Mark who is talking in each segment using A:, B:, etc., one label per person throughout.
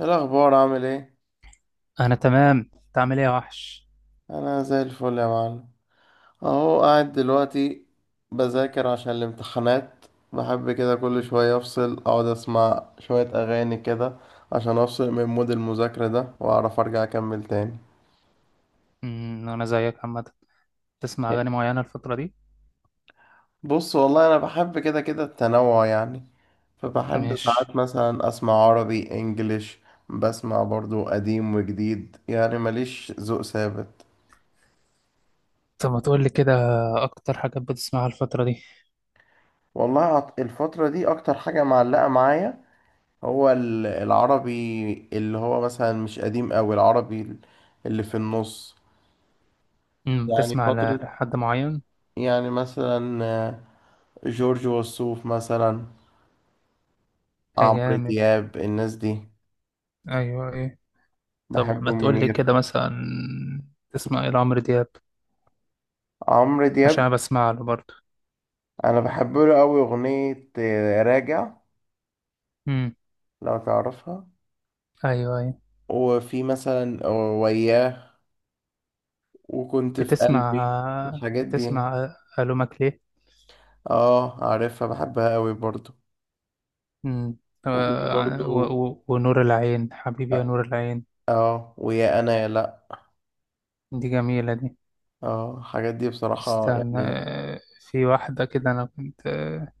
A: إيه الأخبار عامل ايه؟
B: انا تمام، انت عامل ايه يا وحش؟
A: أنا زي الفل يا معلم. أهو قاعد دلوقتي بذاكر عشان الامتحانات. بحب كده كل شوية أفصل أقعد أسمع شوية أغاني كده عشان أفصل من مود المذاكرة ده وأعرف أرجع أكمل تاني.
B: انا زيك عامه. تسمع
A: إيه،
B: اغاني معينه الفتره دي؟
A: بص، والله أنا بحب كده كده التنوع يعني. فبحب
B: ماشي.
A: ساعات مثلا أسمع عربي إنجليش. بسمع برضو قديم وجديد، يعني ماليش ذوق ثابت.
B: طب ما تقول لي كده، اكتر حاجات بتسمعها الفتره دي؟
A: والله الفترة دي أكتر حاجة معلقة معايا، هو العربي اللي هو مثلا مش قديم أوي، العربي اللي في النص، يعني
B: بتسمع
A: فترة،
B: لحد معين؟
A: يعني مثلا جورج وسوف مثلا،
B: يا
A: عمرو
B: جامد.
A: دياب، الناس دي.
B: ايوه ايه؟ طب
A: بحب
B: ما تقول لي
A: منير.
B: كده مثلا، تسمع ايه لعمرو دياب؟
A: عمرو دياب،
B: عشان أنا بسمع له برضه.
A: أنا بحب له أوي أغنية راجع،
B: امم.
A: لو تعرفها.
B: ايوه ايه؟
A: وفي مثلا وياه وكنت في
B: بتسمع
A: قلبي، الحاجات دي يعني.
B: بتسمع الومك ليه؟
A: اه عارفها، بحبها أوي برضو.
B: امم.
A: وفي
B: آه، و-
A: برضو
B: و- ونور العين، حبيبي يا نور العين.
A: اه ويا أنا يا لا،
B: دي جميله دي.
A: اه الحاجات دي بصراحة
B: استنى
A: يعني.
B: في واحدة كده أنا كنت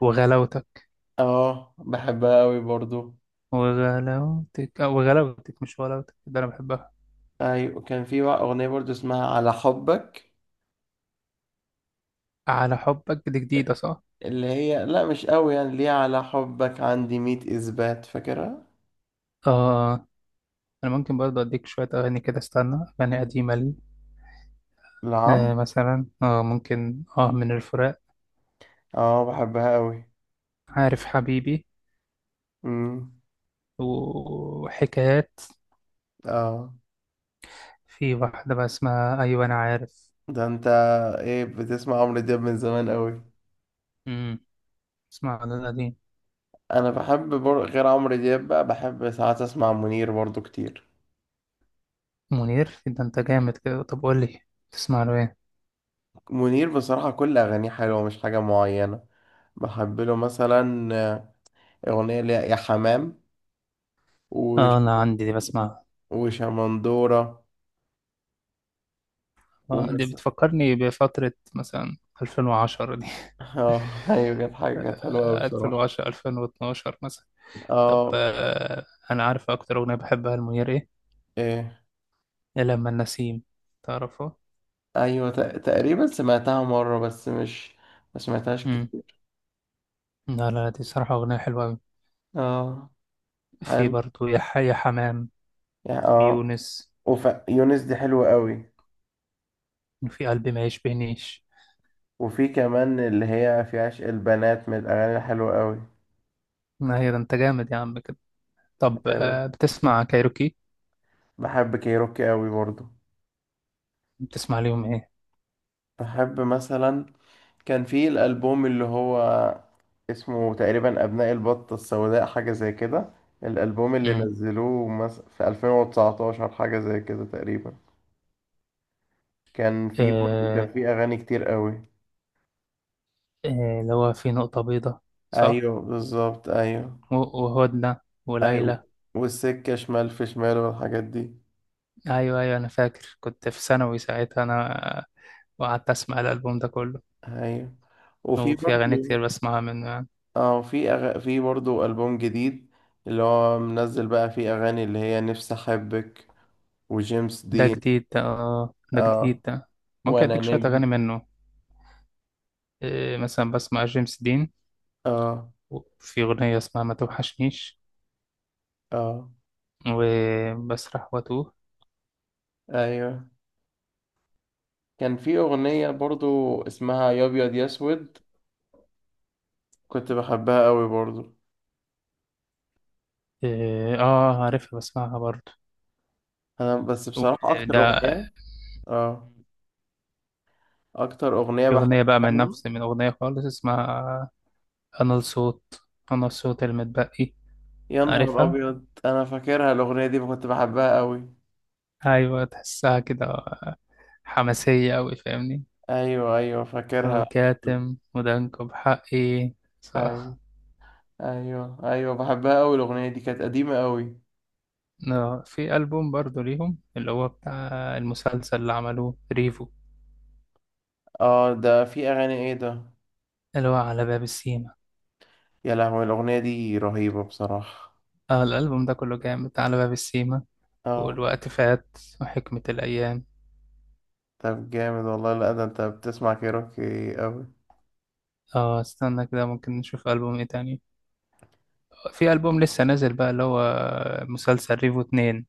B: وغلاوتك،
A: اه بحبها قوي برضو.
B: وغلاوتك، وغلاوتك مش ولاوتك، ده أنا بحبها.
A: ايوه، كان في بقى اغنية برضو اسمها على حبك.
B: على حبك دي جديدة صح؟
A: اللي هي لا، مش قوي يعني، ليه على حبك عندي مية اثبات، فاكرها.
B: آه. آه. أنا ممكن برضه أديك شوية أغاني كده، استنى أغاني قديمة لي.
A: نعم.
B: آه مثلا، ممكن من الفراق،
A: اه بحبها قوي.
B: عارف حبيبي،
A: امم.
B: وحكايات.
A: اه.
B: في واحدة بقى اسمها، أيوة أنا عارف.
A: ده انت، ايه، بتسمع عمرو دياب من زمان قوي.
B: امم. اسمع ده القديم.
A: انا بحب غير عمرو دياب بقى بحب ساعات اسمع منير برضو كتير.
B: منير؟ إيه ده أنت جامد كده، طب قول لي، تسمع له إيه؟
A: منير بصراحة كل اغانيه حلوة، مش حاجة معينة. بحب له مثلا أغنية اللي هي يا حمام وش...
B: آه أنا عندي دي بسمع.
A: وشمندورة.
B: آه، دي
A: ومثلا
B: بتفكرني بفترة مثلا 2010 دي.
A: اه ايوه، كانت حلوة أوي
B: آه،
A: بصراحة.
B: 2010 2012 مثلا. طب
A: اه.
B: أنا عارف أكتر أغنية بحبها لمنير إيه؟
A: ايه.
B: يا لما النسيم، تعرفه؟
A: ايوه تقريبا سمعتها مرة بس مش، ما سمعتهاش
B: مم.
A: كتير.
B: لا دي صراحة أغنية حلوة أوي.
A: اه.
B: في
A: حلو.
B: برضه يا حي يا حمام،
A: يعني اه.
B: ويونس،
A: يونس دي حلوة أوي.
B: وفي قلبي ما يشبهنيش.
A: وفي كمان اللي هي في عشق البنات، من الأغاني الحلوة أوي.
B: ما هي ده أنت جامد يا عم كده. طب
A: أيوة.
B: بتسمع كايروكي؟
A: بحب كيروكي أوي برضه.
B: بتسمع ليهم إيه؟
A: بحب مثلا كان في الألبوم اللي هو اسمه تقريبا أبناء البطة السوداء، حاجة زي كده. الألبوم اللي
B: مم.
A: نزلوه في 2019 حاجة زي كده تقريبا. كان في برضه
B: آه،
A: كان في أغاني كتير قوي.
B: اللي هو في نقطة بيضة، صح؟
A: أيوه بالظبط، أيوه.
B: و- وهدنة وليلى.
A: أيوه والسكة شمال في شمال والحاجات دي.
B: ايوه ايوه، انا فاكر كنت في ثانوي ساعتها انا، وقعدت اسمع الالبوم ده كله.
A: أيوه وفي
B: وفي اغاني
A: برضه
B: كتير بسمعها منه يعني.
A: اه في في برضه ألبوم جديد اللي هو منزل بقى، فيه أغاني اللي هي نفسي أحبك وجيمس
B: ده
A: دين.
B: جديد ده، اه ده
A: اه.
B: جديد ده. ممكن
A: وأنا
B: اديك شويه
A: نجم.
B: اغاني منه. إيه مثلا، بسمع جيمس دين،
A: اه.
B: وفي اغنيه اسمها ما توحشنيش،
A: اه.
B: وبسرح واتوه.
A: أيوه كان في أغنية برضو اسمها يا أبيض يا أسود، كنت بحبها قوي برضو.
B: إيه، اه عارفها بسمعها برضه.
A: أنا بس بصراحة أكتر
B: وده،
A: أغنية. آه. أكتر أغنية
B: في اغنيه بقى
A: بحبها
B: من
A: لهم
B: نفس، من اغنيه خالص اسمها انا الصوت، انا الصوت المتبقي.
A: يا نهار
B: عارفها؟
A: أبيض، أنا فاكرها الأغنية دي كنت بحبها قوي.
B: ايوه، تحسها كده حماسية أوي، فاهمني؟
A: أيوه أيوه فاكرها.
B: وكاتم ودانكو بحقي، صح.
A: أيوه. أيوه أيوه بحبها قوي، الأغنية دي كانت قديمة قوي.
B: لا، في ألبوم برضو ليهم اللي هو بتاع المسلسل اللي عملوه ريفو،
A: آه ده في أغاني إيه ده.
B: اللي هو على باب السيما.
A: يا لهوي الأغنية دي رهيبة بصراحة.
B: اه الألبوم ده كله جامد، على باب السيما،
A: آه.
B: والوقت فات، وحكمة الأيام.
A: طب جامد والله، لا ده أنت بتسمع كيروكي قوي.
B: اه استنى كده، ممكن نشوف ألبوم ايه تاني. في ألبوم لسه نازل بقى اللي هو مسلسل ريفو اتنين،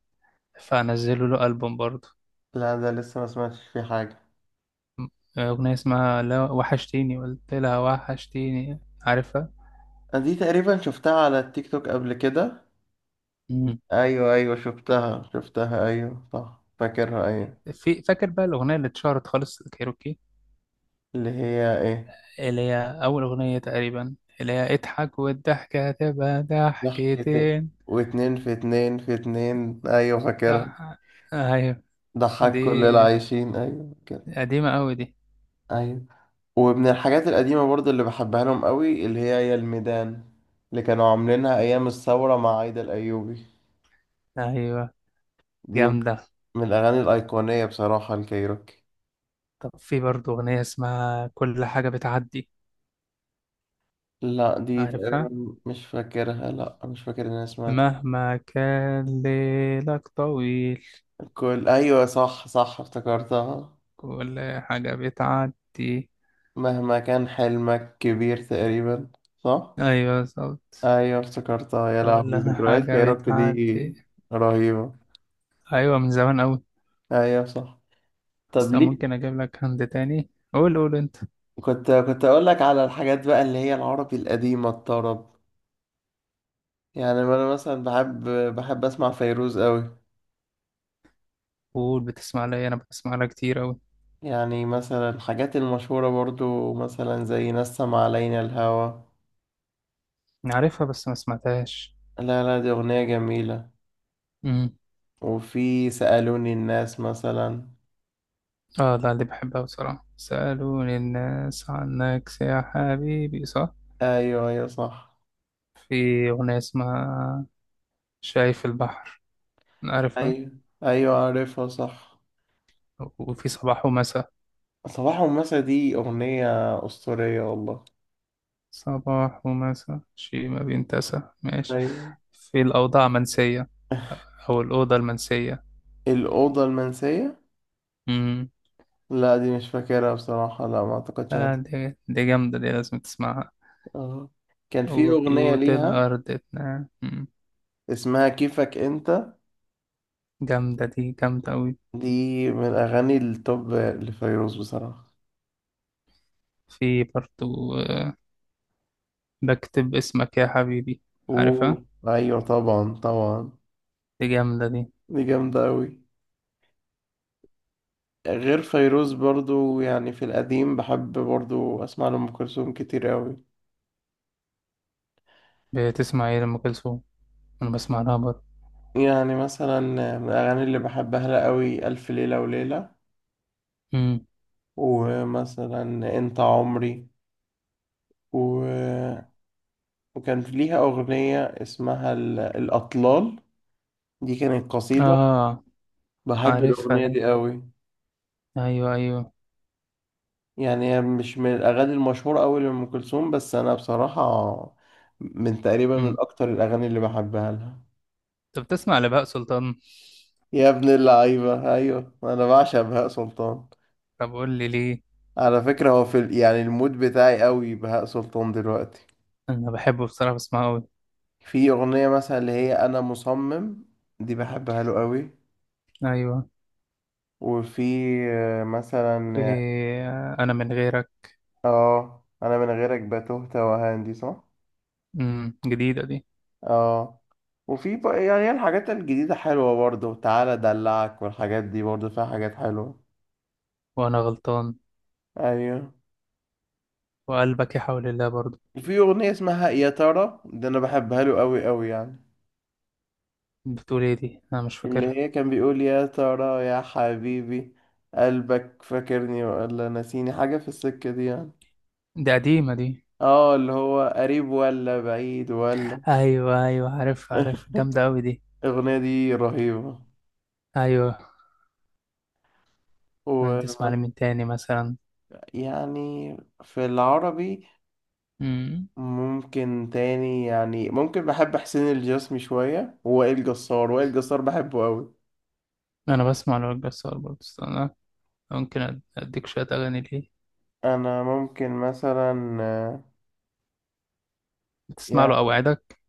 B: فنزلوا له ألبوم برضو.
A: لا ده لسه ما سمعتش فيه حاجة.
B: آه، أغنية اسمها لا وحشتيني قلت لها وحشتيني، عارفها؟
A: دي تقريبا شفتها على التيك توك قبل كده. ايوه ايوه شفتها ايوه صح فاكرها ايوه.
B: في، فاكر بقى الأغنية اللي اتشهرت خالص الكايروكي؟
A: اللي هي ايه.
B: اللي هي أول أغنية تقريبا، اللي هي اضحك والضحكة هتبقى
A: ضحكة.
B: ضحكتين.
A: واتنين في اتنين في اتنين، ايوه فاكرها.
B: لا. أيوة.
A: ضحك
B: دي
A: كل العايشين، ايوه كده.
B: قديمة أوي دي.
A: ايوه. ومن الحاجات القديمة برضو اللي بحبها لهم قوي اللي هي يا الميدان، اللي كانوا عاملينها ايام الثورة مع عايدة الايوبي.
B: أيوة
A: دي من
B: جامدة.
A: الاغاني الايقونية بصراحة، الكايروكي.
B: طب في برضه أغنية اسمها كل حاجة بتعدي،
A: لا دي
B: عارفها؟
A: تقريبا مش فاكرها، لا مش فاكر ان انا سمعت.
B: مهما كان ليلك طويل،
A: كل، أيوة صح صح افتكرتها.
B: كل حاجة بتعدي.
A: مهما كان حلمك كبير تقريبا، صح.
B: أيوة بالظبط.
A: أيوة افتكرتها، يا لهوي
B: كل
A: ذكريات
B: حاجة
A: كايروكي دي
B: بتعدي.
A: رهيبة.
B: أيوة من زمان أوي.
A: أيوة صح. طب
B: بس أنا
A: ليه.
B: ممكن أجيب لك هند تاني، قول قول أنت.
A: كنت أقول لك على الحاجات بقى اللي هي العربي القديمة الطرب، يعني أنا مثلا بحب أسمع فيروز أوي.
B: قول، بتسمع لي إيه؟ أنا بسمع لها كتير أوي.
A: يعني مثلا الحاجات المشهورة برضو مثلا زي نسم علينا الهوى.
B: أنا عارفها بس ما سمعتهاش.
A: لا لا دي أغنية جميلة.
B: امم.
A: وفي سألوني الناس مثلا.
B: آه لا، اللي بحبها بصراحة سألوني الناس عنك يا حبيبي، صح.
A: ايوه ايوه صح.
B: في أغنية اسمها شايف البحر، عارفها.
A: ايوه ايوه عارفها صح.
B: وفي صباح ومساء.
A: صباح ومساء دي اغنية اسطورية والله.
B: صباح ومساء شيء ما بينتسى، ماشي.
A: ايوه.
B: في الأوضاع منسية، أو الأوضة المنسية.
A: الاوضة المنسية.
B: امم.
A: لا دي مش فاكرها بصراحة، لا ما اعتقدش
B: آه دي، دي جامدة، دي لازم تسمعها.
A: اه كان في اغنية
B: وبيوت
A: ليها
B: الأرض مم.
A: اسمها كيفك انت.
B: جامدة دي، جامدة أوي.
A: دي من الاغاني التوب لفيروز بصراحة.
B: في برضو بكتب اسمك يا حبيبي، عارفها؟
A: اوه ايوه طبعا طبعا.
B: دي جامدة دي.
A: دي جامدة اوي. غير فيروز برضو يعني في القديم بحب برضو اسمع لأم كلثوم كتير اوي.
B: بتسمع ايه لأم كلثوم؟ أنا بسمع لها برضه.
A: يعني مثلا من الأغاني اللي بحبها لها قوي ألف ليلة وليلة.
B: مم.
A: ومثلا أنت عمري و... وكان ليها أغنية اسمها الأطلال. دي كانت قصيدة،
B: آه
A: بحب
B: عارفها
A: الأغنية
B: دي،
A: دي قوي.
B: أيوه أيوه.
A: يعني هي مش من الأغاني المشهورة قوي لأم كلثوم، بس أنا بصراحة من تقريبا من
B: مم.
A: أكتر الأغاني اللي بحبها لها.
B: طب بتسمع لبهاء سلطان؟
A: يا ابن اللعيبة أيوة أنا بعشق بهاء سلطان.
B: طب قول لي ليه.
A: على فكرة هو في يعني المود بتاعي قوي بهاء سلطان دلوقتي.
B: أنا بحبه بصراحة، بسمعه أوي.
A: في أغنية مثلا اللي هي أنا مصمم، دي بحبها له قوي.
B: أيوه.
A: وفي مثلا
B: في أنا من غيرك.
A: اه أنا من غيرك بتوه توهان، دي صح؟
B: مم. جديدة دي.
A: اه. وفي بقى يعني هي الحاجات الجديدة حلوة برضه، تعالى أدلعك والحاجات دي برضه فيها حاجات حلوة.
B: وأنا غلطان.
A: أيوه.
B: وقلبك يا حول الله برضه.
A: وفي أغنية اسمها يا ترى، دي أنا بحبها له قوي قوي يعني.
B: بتقول ايه دي، أنا مش
A: اللي
B: فاكرها.
A: هي كان بيقول يا ترى يا حبيبي قلبك فاكرني ولا نسيني، حاجة في السكة دي يعني.
B: دي قديمة دي.
A: اه اللي هو قريب ولا بعيد ولا.
B: ايوه ايوه، عارف عارف، جامده قوي دي.
A: الأغنية دي رهيبة.
B: ايوه. أنا
A: ويعني
B: تسمع لمين تاني مثلا؟
A: في العربي
B: امم.
A: ممكن تاني يعني ممكن، بحب حسين الجسمي شوية ووائل جسار، وائل جسار بحبه أوي.
B: انا بسمع لوائل جسار برضه، استنى ممكن اديك شويه اغاني ليه.
A: أنا ممكن مثلا
B: بتسمع له
A: يعني
B: اوعدك؟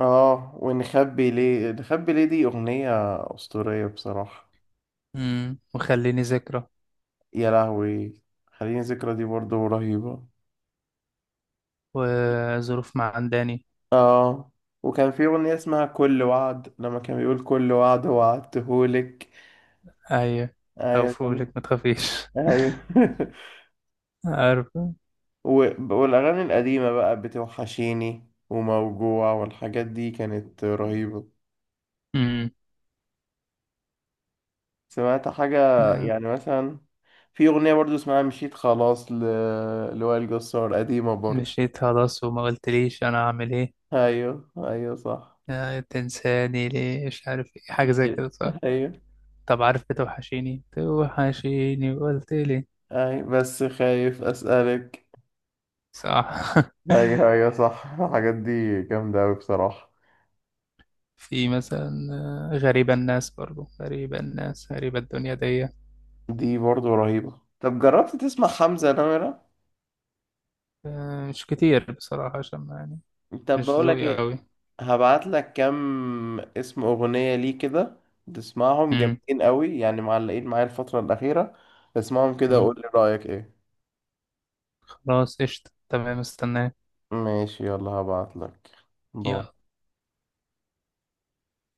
A: اه ونخبي ليه، نخبي ليه دي أغنية أسطورية بصراحة.
B: امم، وخليني ذكرى،
A: يا لهوي خليني ذكرى دي برضو رهيبة.
B: وظروف معنداني.
A: اه وكان في أغنية اسمها كل وعد، لما كان بيقول كل وعد وعدتهولك.
B: ايوه. او
A: أيوة.
B: فولك ما تخافيش.
A: أيوه.
B: عارف.
A: والأغاني القديمة بقى بتوحشيني وموجوع والحاجات دي كانت رهيبة.
B: امم.
A: سمعت حاجة.
B: آه،
A: يعني مثلا في أغنية برضو اسمها مشيت خلاص لوائل جسار، قديمة برضو.
B: مشيت خلاص وما قلتليش انا اعمل ايه.
A: أيوه أيوه صح.
B: آه، تنساني ليه مش عارف إيه، حاجه زي كده صح؟
A: أيوه.
B: طب عارف بتوحشيني توحشيني وقلت؟
A: أيوه بس خايف أسألك.
B: صح.
A: أيوه أيوه صح الحاجات دي جامدة أوي بصراحة.
B: في مثلا غريبة الناس، برضو غريبة الناس، غريبة الدنيا دي.
A: دي برضو رهيبة، طب جربت تسمع حمزة نمرة.
B: آه، مش كتير بصراحة عشان يعني
A: طب
B: مش
A: بقولك
B: ذوقي
A: ايه،
B: أوي.
A: هبعت لك كام اسم اغنية ليه كده، تسمعهم
B: مم.
A: جامدين قوي يعني معلقين معايا الفترة الأخيرة. اسمعهم كده
B: مم.
A: وقول لي رأيك ايه.
B: خلاص قشطة، تمام، استناك.
A: ماشي يلا هبعت لك. باي.
B: يلا.